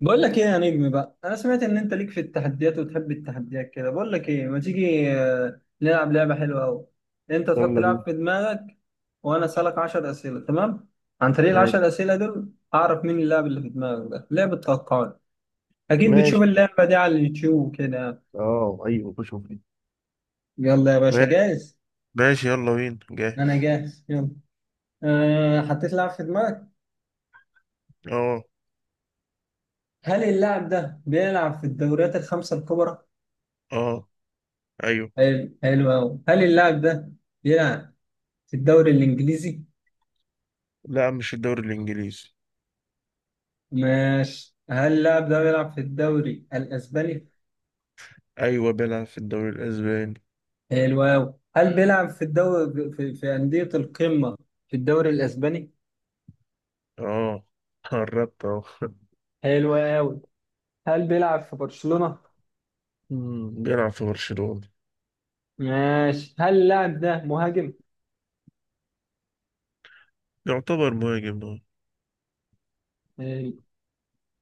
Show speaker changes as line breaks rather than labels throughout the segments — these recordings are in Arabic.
بقول لك ايه يا نجم بقى، انا سمعت ان انت ليك في التحديات وتحب التحديات كده. بقول لك ايه، ما تيجي نلعب لعبه حلوه قوي. انت تحط
يلا
لعب
بينا.
في دماغك وانا اسالك 10 اسئله. تمام؟ عن طريق ال
ماشي
10 اسئله دول اعرف مين اللاعب اللي في دماغك. ده لعبه توقعات، اكيد بتشوف
ماشي.
اللعبه دي على اليوتيوب كده.
اه ايوه، خش مفيد.
يلا يا باشا،
ما-
جاهز؟
ماشي، يلا بينا
انا
جاهز.
جاهز، يلا. أه، حطيت لاعب في دماغك.
اه.
هل اللاعب ده بيلعب في الدوريات الخمسه الكبرى؟
اه ايوه.
حلو، حلو قوي. هل اللاعب ده بيلعب في الدوري الانجليزي؟
لا، مش في الدوري الانجليزي.
ماشي. هل اللاعب ده بيلعب في الدوري الاسباني؟
ايوه بيلعب في الدوري الاسباني.
حلو أوي. هل بيلعب في الدوري في أندية القمة في الدوري الاسباني؟
اه، قربت اهو.
حلو أوي. هل بيلعب في برشلونة؟
بيلعب في برشلونة.
ماشي. هل اللاعب ده مهاجم؟
يعتبر مهاجم اه.
حلو.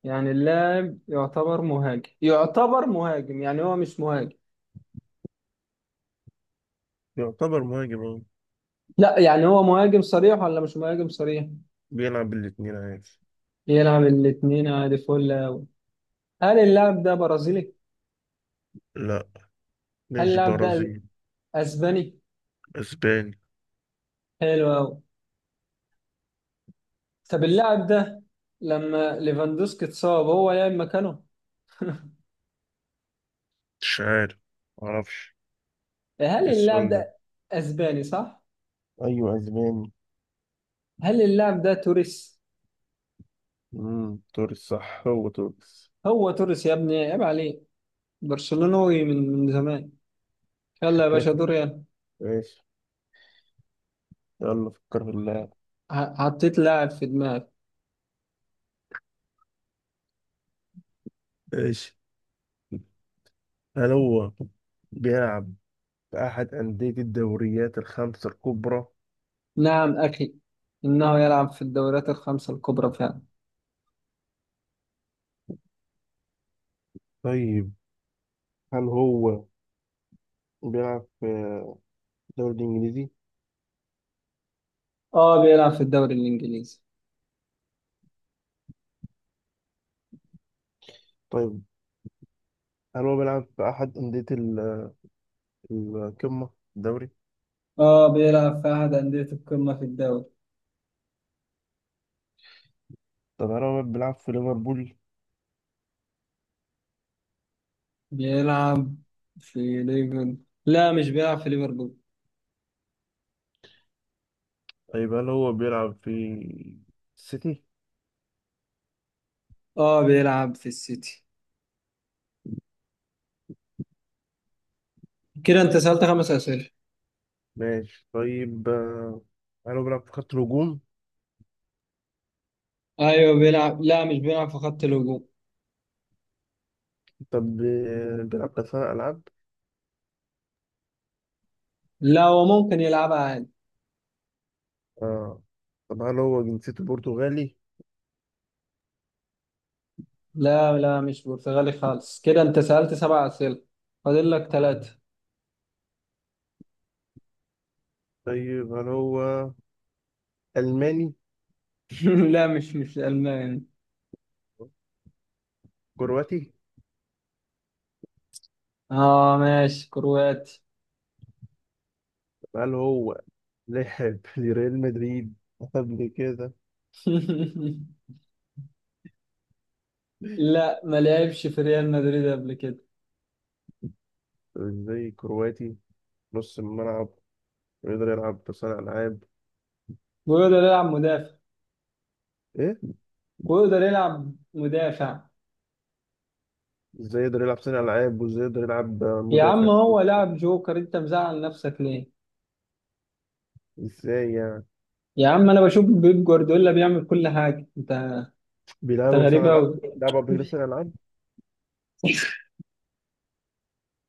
يعني اللاعب يعتبر مهاجم، يعتبر مهاجم يعني هو مش مهاجم؟
يعتبر مهاجم اه.
لا يعني، هو مهاجم صريح ولا مش مهاجم صريح؟
بيلعب الاتنين عادي.
يلعب الاتنين عادي، فل أوي. هل اللاعب ده برازيلي؟
لا،
هل
مش
اللاعب ده
برازيل.
اسباني؟
اسباني.
حلو أوي. طب اللاعب ده لما ليفاندوسكي اتصاب هو لعب مكانه؟
مش عارف، معرفش.
هل
ايه
اللاعب
السؤال ده؟
ده اسباني صح؟
ايوه اسباني.
هل اللاعب ده توريس؟
توريس، صح هو توريس.
هو توريس يا ابني، عيب عليه، برشلونوي من زمان. يلا يا باشا، دور يلا.
ماشي، يلا فكر في اللاعب.
حطيت لاعب في دماغي.
ماشي. هل هو بيلعب في أحد أندية الدوريات 5 الكبرى؟
نعم اخي، انه يلعب في الدوريات الخمسة الكبرى فعلا.
طيب، هل هو بيلعب في الدوري الإنجليزي؟
اه بيلعب في الدوري الانجليزي.
طيب، هل هو بيلعب في أحد أندية القمة الدوري؟
اه بيلعب في احد أندية القمة في الدوري.
طب هل هو بيلعب في ليفربول؟
بيلعب في ليفربول، لا مش بيلعب في ليفربول.
طيب، هل هو بيلعب في السيتي؟
اه بيلعب في السيتي. كده انت سألت خمس أسئلة.
ماشي. طيب هل هو بيلعب في خط الهجوم؟
ايوه بيلعب، لا مش بيلعب في خط الهجوم.
طب بيلعب كأس ألعاب؟
لا هو ممكن يلعبها عادي.
آه. طب هل هو جنسيته برتغالي؟
لا لا، مش برتغالي خالص. كده انت سألت سبع أسئلة، فاضل لك ثلاثة.
طيب، هل هو ألماني؟
لا مش ألماني.
كرواتي.
اه ماشي كرواتي.
طب هل هو لعب لريال مدريد قبل كده؟
لا ما لعبش في ريال مدريد قبل كده.
طب ازاي كرواتي، نص الملعب، ويقدر يلعب صانع ألعاب؟
ويقدر يلعب مدافع،
ايه؟
ويقدر يلعب مدافع.
ازاي يقدر يلعب صانع ألعاب وازاي يقدر يلعب
يا عم
مدافع؟
هو لاعب جوكر، انت مزعل نفسك ليه؟
ازاي يعني؟
يا عم انا بشوف بيب جوارديولا بيعمل كل حاجة، انت انت
بيلعبوا
غريب
صانع ألعاب؟
قوي.
لعبوا قبل كده صانع ألعاب؟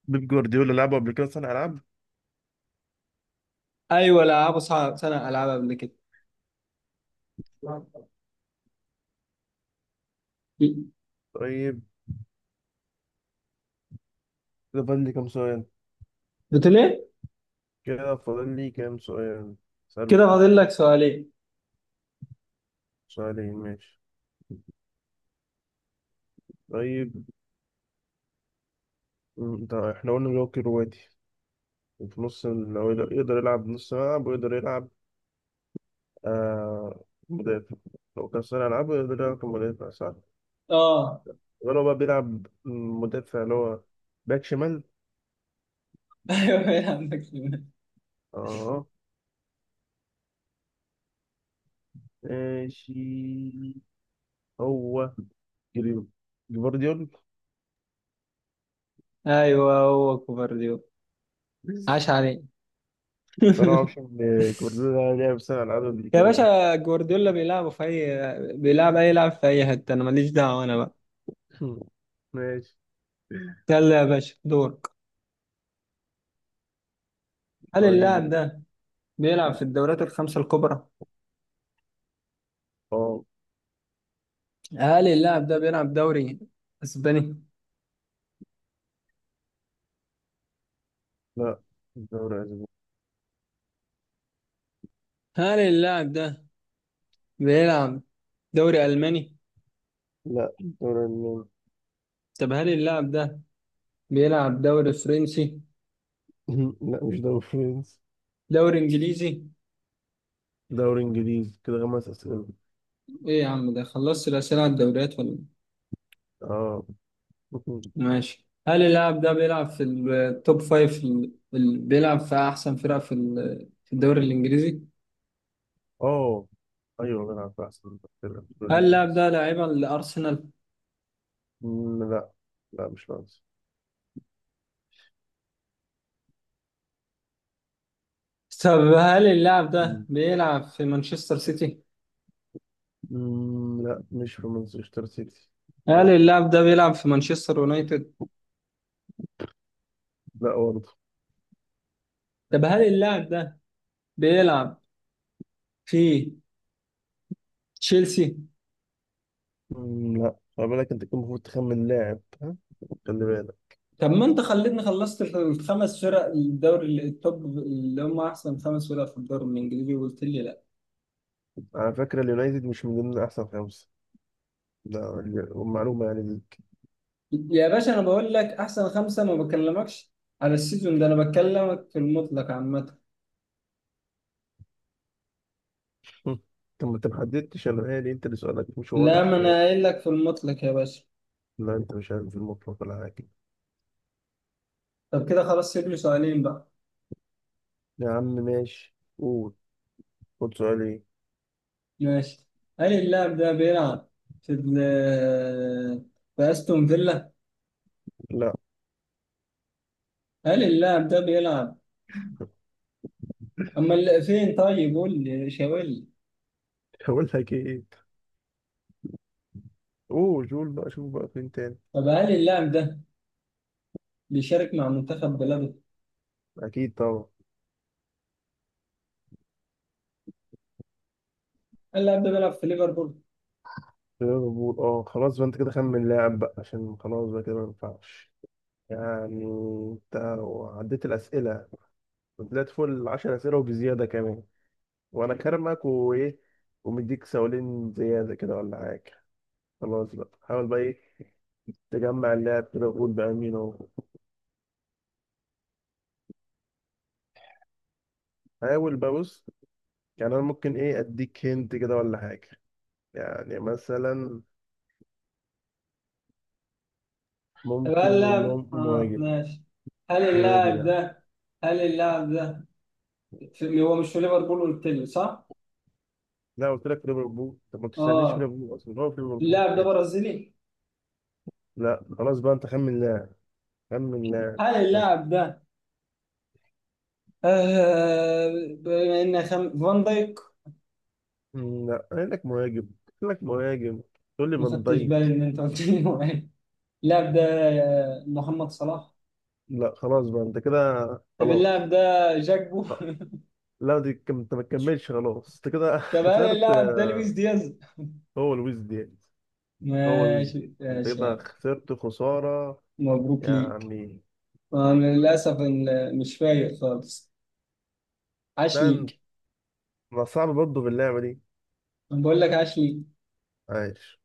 بيب جوارديولا لعبوا قبل كده صانع ألعاب.
ايوه العاب صعب، سنه العاب قبل كده.
طيب، كده فاضل لي كام سؤال؟
بتقول ايه؟
كده فاضل لي كام سؤال اسأله؟
كده فاضل لك سؤالين.
سؤالين ماشي. طيب، انت احنا قلنا اللي هو كرواتي، وفي نص هو يقدر يلعب نص ملعب، ويقدر يلعب آه مدافع. لو كان صانع ألعاب يقدر يلعب كمدافع، صح؟
اه.
ولو بقى بيلعب مدافع، اللي هو باك شمال.
ايوه إيه، يا عندك سؤال.
اه ماشي. هو جري- جفارديول
ايوه هو كوفارديولا. عاش
بس.
عليه.
أنا ما أعرفش إن جفارديول ده لعب صانع ألعاب قبل
يا
كده.
باشا جوارديولا بيلعبوا في اي، بيلعب اي لاعب في اي حته، انا ماليش دعوه، انا بقى.
ماشي.
يلا يا باشا، دورك. هل
طيب
اللاعب ده بيلعب في الدوريات الخمسه الكبرى؟
اه.
هل اللاعب ده بيلعب دوري اسباني؟
لا، دوري أسباني.
هل اللاعب ده بيلعب دوري الماني؟
لا، دوري ألماني.
طب هل اللاعب ده بيلعب دوري فرنسي؟
لا، مش دوري فرنسي.
دوري انجليزي.
دوري إنجليزي، كده 5 أسئلة.
ايه يا عم، ده خلصت الاسئله على الدوريات ولا؟
اه.
ماشي. هل اللاعب ده بيلعب في التوب فايف في ال... في ال- بيلعب في احسن فرق في ال... في الدوري الانجليزي؟
اه ايوه، بلعب في احسن، بلعب في الدوري
هل اللاعب
الانجليزي.
ده لاعبا لارسنال؟
لا. لا، مش فرنسا.
طب هل اللاعب ده
مم،
بيلعب في مانشستر سيتي؟
لا، مش في مانشستر سيتي.
هل
لا،
اللاعب ده بيلعب في مانشستر يونايتد؟
لا برضه.
طب هل اللاعب ده بيلعب في تشيلسي؟
لا. خلي بالك، انت كنت المفروض تخمن لاعب، ها؟ خلي بالك.
طب ما انت خليتني خلصت الخمس فرق الدوري التوب اللي هم احسن خمس فرق في الدوري الانجليزي وقلت لي لا.
على فكرة اليونايتد مش من ضمن احسن 5، ده معلومة يعني ليك.
يا باشا انا بقول لك احسن خمسه، ما بكلمكش على السيزون ده، انا بكلمك في المطلق عامه.
طب ما انت ما حددتش، انا مالي؟ انت اللي سؤالك مش واضح،
لا،
انا
ما انا
مالي؟
قايل لك في المطلق يا باشا.
لا، انت مش عارف المطلق ولا حاجة.
طب كده خلاص، سيب لي سؤالين بقى.
يا عم ماشي، قول، خد سؤال ايه.
ماشي. هل اللاعب ده بيلعب في في استون فيلا؟
لا.
هل اللاعب ده بيلعب اما فين؟ طيب قول لي، شاور لي.
هقول لك ايه؟ اوه جول بقى، شوف بقى فين تاني.
طب هل اللاعب ده بيشارك مع منتخب بلاده؟
اكيد طبعا.
اللاعب ده بيلعب في ليفربول؟
ليفربول اه، خلاص بقى، انت كده خمن لاعب بقى، عشان خلاص بقى كده ما ينفعش يعني. انت عديت الاسئله، طلعت فوق ال10 اسئله وبزياده كمان، وانا كرمك وايه، ومديك 2 سؤال زياده كده ولا حاجه. خلاص بقى، حاول بقى ايه، تجمع اللاعب كده وقول بقى مين هو. حاول بقى، بص، يعني انا ممكن ايه اديك هنت كده ولا حاجه. يعني مثلا
طب هل
ممكن نقول
اللاعب،
لهم
اه
مهاجم.
ماشي. هل
مهاجم
اللاعب
يعني.
ده، هل اللاعب ده في... هو مش في ليفربول قلت لي، صح؟
لا، قلت لك ليفربول. طب ما تستنيش، في
اه.
ليفربول اصلا، هو في ليفربول،
اللاعب ده
ماشي.
برازيلي.
لا خلاص بقى، انت خمن لاعب. خمن لاعب
هل
بس.
اللاعب ده فان دايك؟
لا، قايل لك مهاجم. قايل لك مهاجم، تقول لي
ما
فان
خدتش بالي
دايك؟
ان انت قلت لي هو إيه. اللاعب ده محمد صلاح.
لا خلاص بقى، انت كده
طب اللاعب
خلاص.
ده جاكبو.
آه، لا، انت ما تكملش خلاص، انت كده
طب هل
خسرت.
اللاعب ده لويس دياز؟
هو لويس دياز. هو لويس دياز،
ماشي
انت
ماشي
كده
يعني.
خسرت خسارة
مبروك ليك.
يعني.
انا للاسف مش فايق خالص. عاش
ده انت-
ليك.
ما صعب برضه في اللعبة دي.
أنا بقول لك عاش ليك.
عايش.